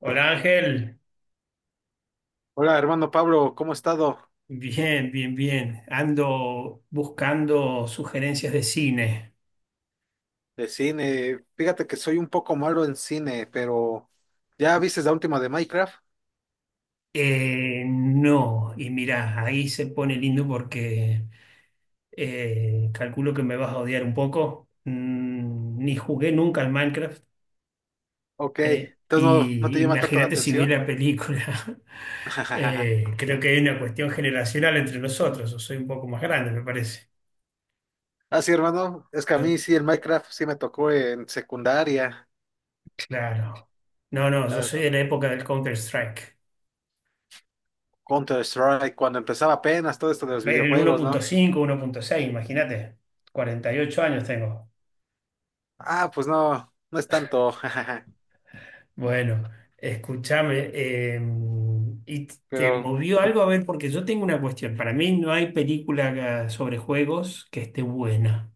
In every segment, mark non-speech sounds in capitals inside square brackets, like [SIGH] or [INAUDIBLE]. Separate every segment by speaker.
Speaker 1: Hola Ángel,
Speaker 2: Hola, hermano Pablo, ¿cómo ha estado
Speaker 1: bien, bien, bien. Ando buscando sugerencias de cine.
Speaker 2: de cine? Fíjate que soy un poco malo en cine, pero ¿ya viste la última de Minecraft?
Speaker 1: No, y mirá, ahí se pone lindo porque calculo que me vas a odiar un poco. Ni jugué nunca al Minecraft.
Speaker 2: Ok, entonces no
Speaker 1: Y
Speaker 2: te llama tanto la
Speaker 1: imagínate si vi
Speaker 2: atención.
Speaker 1: la película. [LAUGHS]
Speaker 2: [LAUGHS]
Speaker 1: Creo que hay una cuestión generacional entre nosotros. Yo soy un poco más grande, me parece.
Speaker 2: Ah, sí, hermano, es que a
Speaker 1: Yo,
Speaker 2: mí sí, el Minecraft sí me tocó en secundaria.
Speaker 1: claro. No, no, yo soy de la época del Counter-Strike.
Speaker 2: Counter Strike, cuando empezaba apenas todo esto de
Speaker 1: A
Speaker 2: los
Speaker 1: ver, el uno
Speaker 2: videojuegos,
Speaker 1: punto
Speaker 2: ¿no?
Speaker 1: cinco, 1.6, imagínate. 48 años tengo.
Speaker 2: Ah, pues no, no es tanto. [LAUGHS]
Speaker 1: Bueno, escúchame. ¿Y te
Speaker 2: Pero
Speaker 1: movió algo? A ver, porque yo tengo una cuestión. Para mí no hay película sobre juegos que esté buena.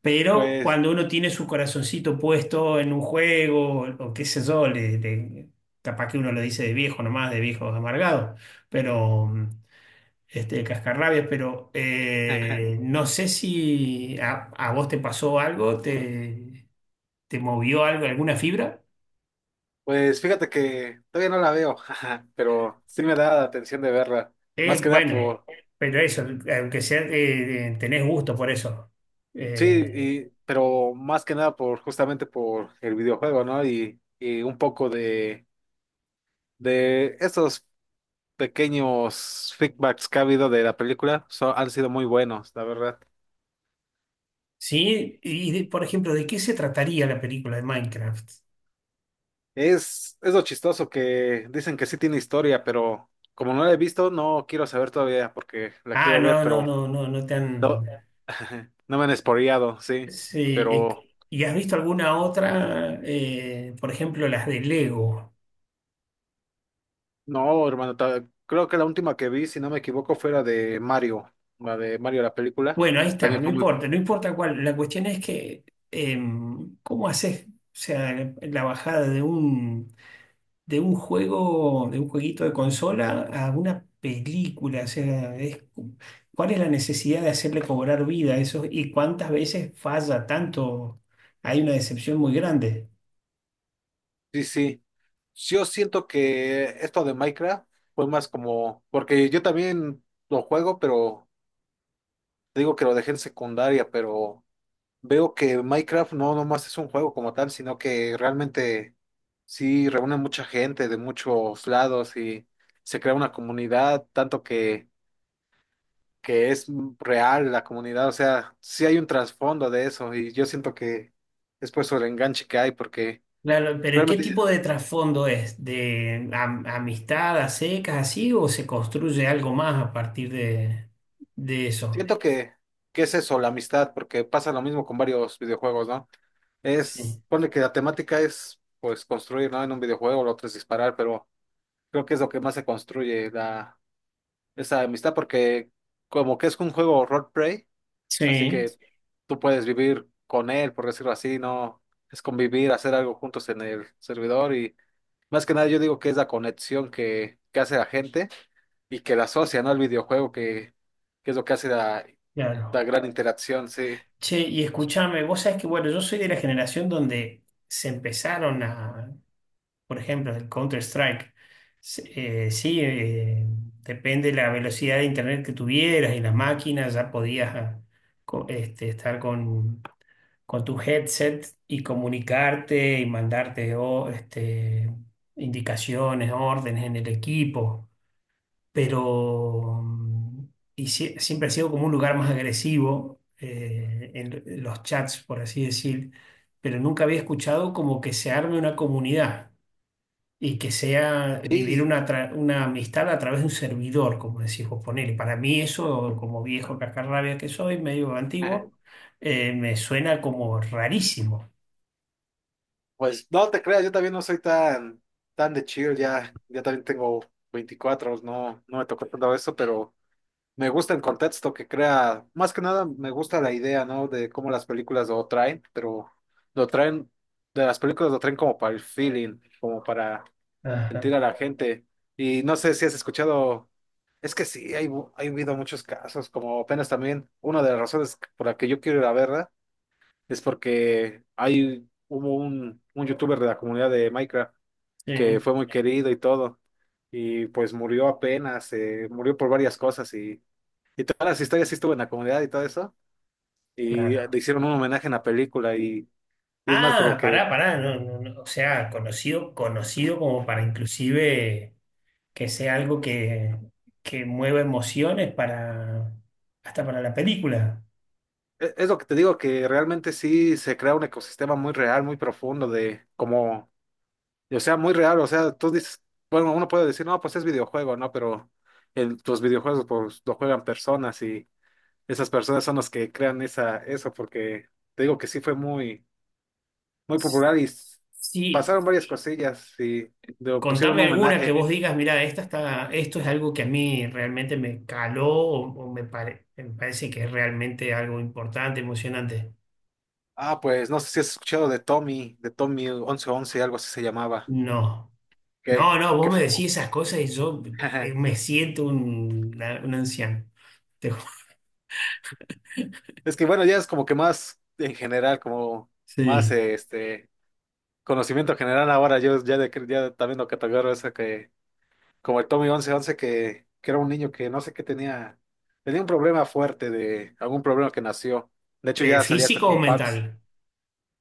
Speaker 1: Pero
Speaker 2: pues,
Speaker 1: cuando uno tiene su corazoncito puesto en un juego, o qué sé yo, capaz que uno lo dice de viejo nomás, de viejo amargado. Pero. El cascarrabias, pero
Speaker 2: [LAUGHS]
Speaker 1: no sé si a vos te pasó algo, te movió algo, alguna fibra.
Speaker 2: pues fíjate que todavía no la veo. [LAUGHS] Pero sí me da la atención de verla, más que nada
Speaker 1: Bueno,
Speaker 2: por...
Speaker 1: pero eso, aunque sea, tenés gusto por eso.
Speaker 2: Sí,
Speaker 1: Eh,
Speaker 2: pero más que nada por justamente por el videojuego, ¿no? Y un poco de esos pequeños feedbacks que ha habido de la película, han sido muy buenos, la verdad.
Speaker 1: sí, por ejemplo, ¿de qué se trataría la película de Minecraft?
Speaker 2: Es lo chistoso que dicen que sí tiene historia, pero como no la he visto, no quiero saber todavía porque la
Speaker 1: Ah,
Speaker 2: quiero ver,
Speaker 1: no, no,
Speaker 2: pero
Speaker 1: no, no, no te
Speaker 2: no,
Speaker 1: han...
Speaker 2: [LAUGHS] no me han spoileado, sí.
Speaker 1: Sí,
Speaker 2: Pero
Speaker 1: ¿y has visto alguna otra? Por ejemplo, las de Lego.
Speaker 2: no, hermano, creo que la última que vi, si no me equivoco, fue la de Mario, la de Mario la película.
Speaker 1: Bueno, ahí está,
Speaker 2: También
Speaker 1: no
Speaker 2: fue muy...
Speaker 1: importa, no importa cuál. La cuestión es que, ¿cómo haces? O sea, la bajada de un juego, de un jueguito de consola a una película. O sea, ¿cuál es la necesidad de hacerle cobrar vida a eso? ¿Y cuántas veces falla tanto? Hay una decepción muy grande.
Speaker 2: Sí, sí. Yo siento que esto de Minecraft fue más como, porque yo también lo juego, pero te digo que lo dejé en secundaria, pero veo que Minecraft no nomás es un juego como tal, sino que realmente sí reúne mucha gente de muchos lados y se crea una comunidad, tanto que es real la comunidad, o sea, sí hay un trasfondo de eso y yo siento que es por eso el enganche que hay, porque
Speaker 1: Claro, pero ¿qué
Speaker 2: realmente
Speaker 1: tipo de trasfondo es? ¿De amistad a secas así o se construye algo más a partir de eso?
Speaker 2: siento que es eso, la amistad, porque pasa lo mismo con varios videojuegos, ¿no? Es,
Speaker 1: Sí.
Speaker 2: pone que la temática es, pues, construir, ¿no? En un videojuego, lo otro es disparar, pero creo que es lo que más se construye, la, esa amistad, porque como que es un juego roleplay. Así
Speaker 1: Sí,
Speaker 2: que tú puedes vivir con él, por decirlo así, ¿no? Es convivir, hacer algo juntos en el servidor y más que nada yo digo que es la conexión que hace la gente y que la asocia, ¿no? Al videojuego, que es lo que hace la, la
Speaker 1: claro.
Speaker 2: gran interacción, sí.
Speaker 1: Che, y escúchame, vos sabés que, bueno, yo soy de la generación donde se empezaron a, por ejemplo, el Counter-Strike. Sí, depende de la velocidad de internet que tuvieras y las máquinas, ya podías estar con tu headset y comunicarte y mandarte o, indicaciones, órdenes en el equipo. Pero siempre ha sido como un lugar más agresivo en los chats, por así decir, pero nunca había escuchado como que se arme una comunidad y que sea vivir
Speaker 2: Y
Speaker 1: una amistad a través de un servidor, como decís vos, ponele. Para mí eso, como viejo cascarrabia que soy, medio antiguo, me suena como rarísimo.
Speaker 2: pues no te creas, yo también no soy tan, tan de chill, ya, ya también tengo veinticuatro. No, no me tocó tanto eso, pero... Me gusta el contexto que crea, más que nada me gusta la idea, ¿no? De cómo las películas lo traen, pero lo traen, de las películas lo traen como para el feeling, como para sentir a
Speaker 1: Ajá.
Speaker 2: la gente. Y no sé si has escuchado, es que sí, hay, hay habido muchos casos, como apenas también, una de las razones por la que yo quiero ir a verla es porque hay, hubo un youtuber de la comunidad de Minecraft
Speaker 1: Sí,
Speaker 2: que fue muy querido y todo, y pues murió apenas, murió por varias cosas y todas las historias sí estuvo en la comunidad y todo eso. Y
Speaker 1: claro.
Speaker 2: le hicieron un homenaje en la película y es más por lo
Speaker 1: Ah,
Speaker 2: que...
Speaker 1: pará, pará, no, no, no, o sea, conocido, conocido como para inclusive que sea algo que, mueva emociones para, hasta para la película.
Speaker 2: Es lo que te digo, que realmente sí se crea un ecosistema muy real, muy profundo de como... O sea, muy real, o sea, tú dices... Bueno, uno puede decir, no, pues es videojuego, ¿no? Pero el, los videojuegos pues lo juegan personas y esas personas son las que crean esa, eso porque te digo que sí fue muy, muy popular y
Speaker 1: Sí,
Speaker 2: pasaron varias cosillas y le pusieron
Speaker 1: contame
Speaker 2: un
Speaker 1: alguna que vos
Speaker 2: homenaje.
Speaker 1: digas, mira, esto es algo que a mí realmente me caló o me parece que es realmente algo importante, emocionante.
Speaker 2: Ah, pues no sé si has escuchado de Tommy once once algo así se llamaba,
Speaker 1: No,
Speaker 2: que,
Speaker 1: no, no,
Speaker 2: que
Speaker 1: vos me
Speaker 2: fue...
Speaker 1: decís esas cosas y yo
Speaker 2: [LAUGHS]
Speaker 1: me siento un anciano. Te ju-
Speaker 2: Es que bueno, ya es como que más en general, como más
Speaker 1: Sí.
Speaker 2: este conocimiento general ahora, yo ya, de, ya también lo categorizo eso que, como el Tommy once once que era un niño que no sé qué tenía, tenía un problema fuerte de algún problema que nació. De hecho, ya salía hasta
Speaker 1: ¿Físico o
Speaker 2: con Pax.
Speaker 1: mental?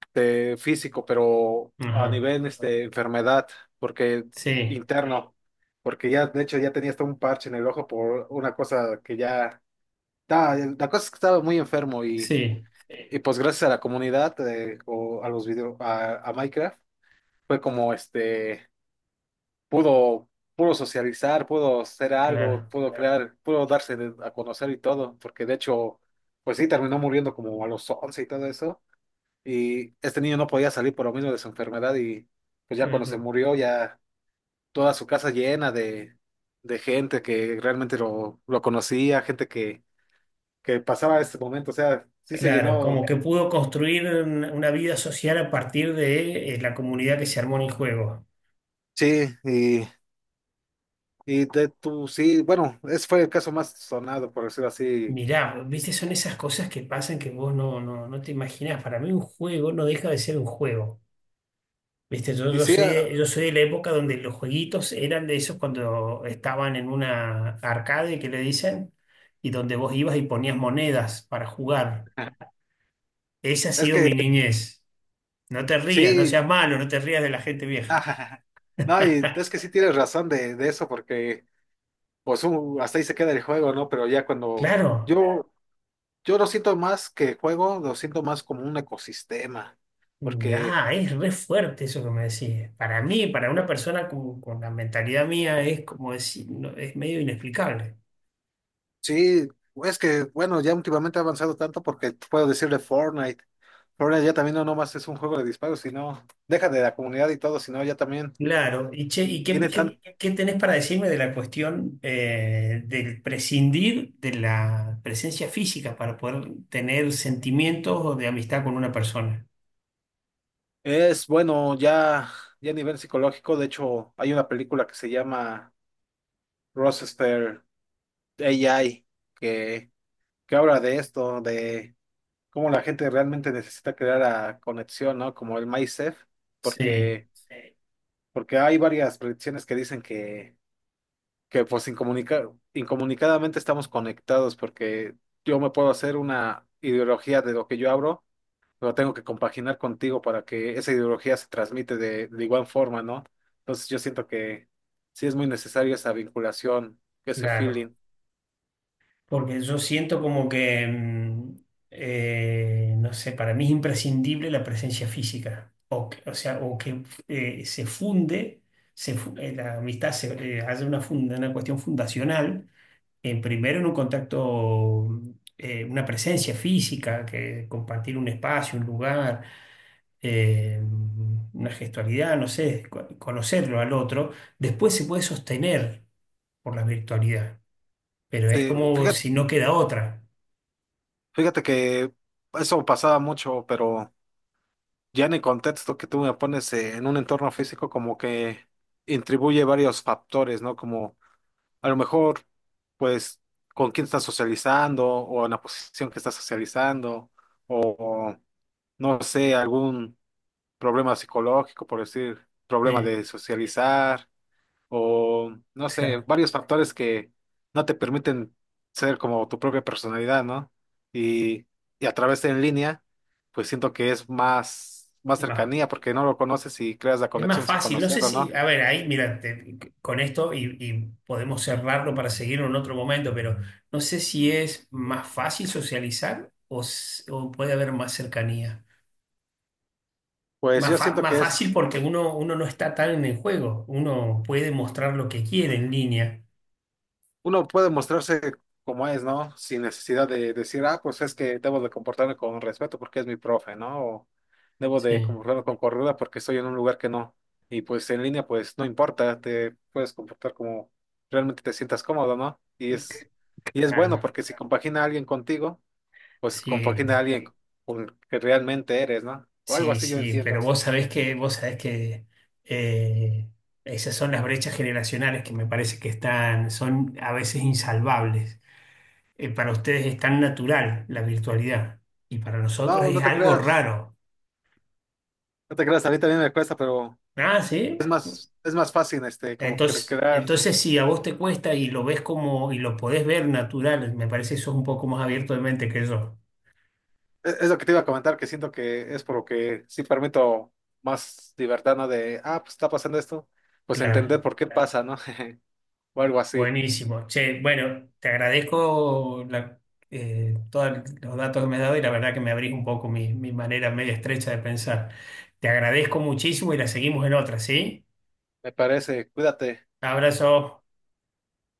Speaker 2: Este, físico, pero a
Speaker 1: Ajá.
Speaker 2: nivel este, enfermedad, porque
Speaker 1: Sí,
Speaker 2: interno, porque ya, de hecho, ya tenía hasta un parche en el ojo por una cosa que ya, la cosa es que estaba muy enfermo
Speaker 1: sí,
Speaker 2: y pues gracias a la comunidad o a los videos, a Minecraft, fue como este, pudo, pudo socializar, pudo hacer algo,
Speaker 1: claro,
Speaker 2: pudo crear, pudo darse a conocer y todo, porque de hecho, pues sí, terminó muriendo como a los 11 y todo eso y este niño no podía salir por lo mismo de su enfermedad y pues ya cuando se
Speaker 1: claro.
Speaker 2: murió ya toda su casa llena de gente que realmente lo conocía, gente que pasaba este momento, o sea, sí se
Speaker 1: Claro,
Speaker 2: llenó.
Speaker 1: como que pudo construir una vida social a partir de la comunidad que se armó en el juego.
Speaker 2: Sí, y de tu, sí, bueno, ese fue el caso más sonado, por decirlo así,
Speaker 1: Mirá, viste, son esas cosas que pasan que vos no, no, no te imaginás. Para mí un juego no deja de ser un juego. Viste,
Speaker 2: y sí,
Speaker 1: yo soy de la época donde los jueguitos eran de esos cuando estaban en una arcade que le dicen, y donde vos ibas y ponías monedas para jugar.
Speaker 2: ah,
Speaker 1: Esa ha
Speaker 2: es
Speaker 1: sido
Speaker 2: que
Speaker 1: mi niñez. No te rías, no
Speaker 2: sí.
Speaker 1: seas malo, no te rías de la gente vieja.
Speaker 2: [LAUGHS] No, y es que sí tienes razón de eso porque pues hasta ahí se queda el juego, ¿no? Pero ya cuando...
Speaker 1: Claro.
Speaker 2: Yo, yo lo siento más que juego, lo siento más como un ecosistema, porque
Speaker 1: Ah, es re fuerte eso que me decís. Para mí, para una persona con la mentalidad mía, es como decir, no, es medio inexplicable.
Speaker 2: sí, es que, bueno, ya últimamente ha avanzado tanto porque puedo decirle Fortnite. Fortnite ya también no nomás es un juego de disparos, sino, deja de la comunidad y todo, sino ya también
Speaker 1: Claro, y che, ¿y qué,
Speaker 2: tiene
Speaker 1: qué,
Speaker 2: tan...
Speaker 1: qué tenés para decirme de la cuestión del prescindir de la presencia física para poder tener sentimientos de amistad con una persona?
Speaker 2: Es bueno, ya, ya a nivel psicológico, de hecho, hay una película que se llama Rochester AI, que, que habla de esto, cómo la gente realmente necesita crear la conexión, ¿no? Como el MySafe,
Speaker 1: Sí,
Speaker 2: porque, sí. Porque hay varias predicciones que dicen que pues incomunicadamente estamos conectados, porque yo me puedo hacer una ideología de lo que yo abro, pero tengo que compaginar contigo para que esa ideología se transmite de igual forma, ¿no? Entonces yo siento que sí es muy necesaria esa vinculación, ese
Speaker 1: claro.
Speaker 2: feeling.
Speaker 1: Porque yo siento como que, no sé, para mí es imprescindible la presencia física. O sea, o que se funde, la amistad se hace una cuestión fundacional, en primero en un contacto, una presencia física, que compartir un espacio, un lugar, eh, una gestualidad, no sé, conocerlo al otro. Después se puede sostener por la virtualidad, pero es
Speaker 2: Sí,
Speaker 1: como
Speaker 2: fíjate,
Speaker 1: si no queda otra.
Speaker 2: fíjate que eso pasaba mucho, pero... Ya en el contexto que tú me pones en un entorno físico, como que intribuye varios factores, ¿no? Como a lo mejor, pues, con quién estás socializando o en la posición que estás socializando o, no sé, algún problema psicológico, por decir, problema
Speaker 1: Sí,
Speaker 2: de socializar o no sé,
Speaker 1: claro.
Speaker 2: varios factores que no te permiten ser como tu propia personalidad, ¿no? Y, y a través de en línea, pues siento que es más, más
Speaker 1: Más-
Speaker 2: cercanía porque no lo conoces y creas la
Speaker 1: es más
Speaker 2: conexión sin
Speaker 1: fácil. No sé
Speaker 2: conocerlo, ¿no?
Speaker 1: si, a ver, ahí, mira, con esto y podemos cerrarlo para seguir en otro momento, pero no sé si es más fácil socializar o puede haber más cercanía.
Speaker 2: Pues yo siento
Speaker 1: Más
Speaker 2: que es
Speaker 1: fácil porque uno no está tan en el juego. Uno puede mostrar lo que quiere en línea.
Speaker 2: uno puede mostrarse como es, ¿no? Sin necesidad de decir, ah, pues es que debo de comportarme con respeto porque es mi profe, ¿no? O debo de
Speaker 1: Sí.
Speaker 2: comportarme con cordura porque estoy en un lugar que no. Y pues en línea, pues no importa, te puedes comportar como realmente te sientas cómodo, ¿no? Y es
Speaker 1: Ah,
Speaker 2: bueno
Speaker 1: no.
Speaker 2: porque si compagina a alguien contigo, pues
Speaker 1: Sí.
Speaker 2: compagina a alguien con el que realmente eres, ¿no? O algo
Speaker 1: Sí,
Speaker 2: así yo
Speaker 1: sí,
Speaker 2: entiendo.
Speaker 1: pero vos sabés que eh, esas son las brechas generacionales que me parece que están, son a veces insalvables. Para ustedes es tan natural la virtualidad y para
Speaker 2: No,
Speaker 1: nosotros
Speaker 2: no
Speaker 1: es
Speaker 2: te
Speaker 1: algo
Speaker 2: creas,
Speaker 1: raro.
Speaker 2: no te creas, a mí también me cuesta, pero
Speaker 1: Ah, sí.
Speaker 2: es más fácil, este, como que
Speaker 1: Entonces,
Speaker 2: crear.
Speaker 1: entonces si a vos te cuesta y lo ves como, y lo podés ver natural, me parece que sos un poco más abierto de mente que yo.
Speaker 2: Es lo que te iba a comentar, que siento que es por lo que sí permito más libertad, ¿no? De, ah, pues está pasando esto, pues entender
Speaker 1: Claro.
Speaker 2: por qué pasa, ¿no? [LAUGHS] O algo así.
Speaker 1: Buenísimo. Che, bueno, te agradezco todos los datos que me has dado y la verdad que me abrís un poco mi manera media estrecha de pensar. Te agradezco muchísimo y la seguimos en otra, ¿sí?
Speaker 2: Me parece, cuídate.
Speaker 1: Abrazo.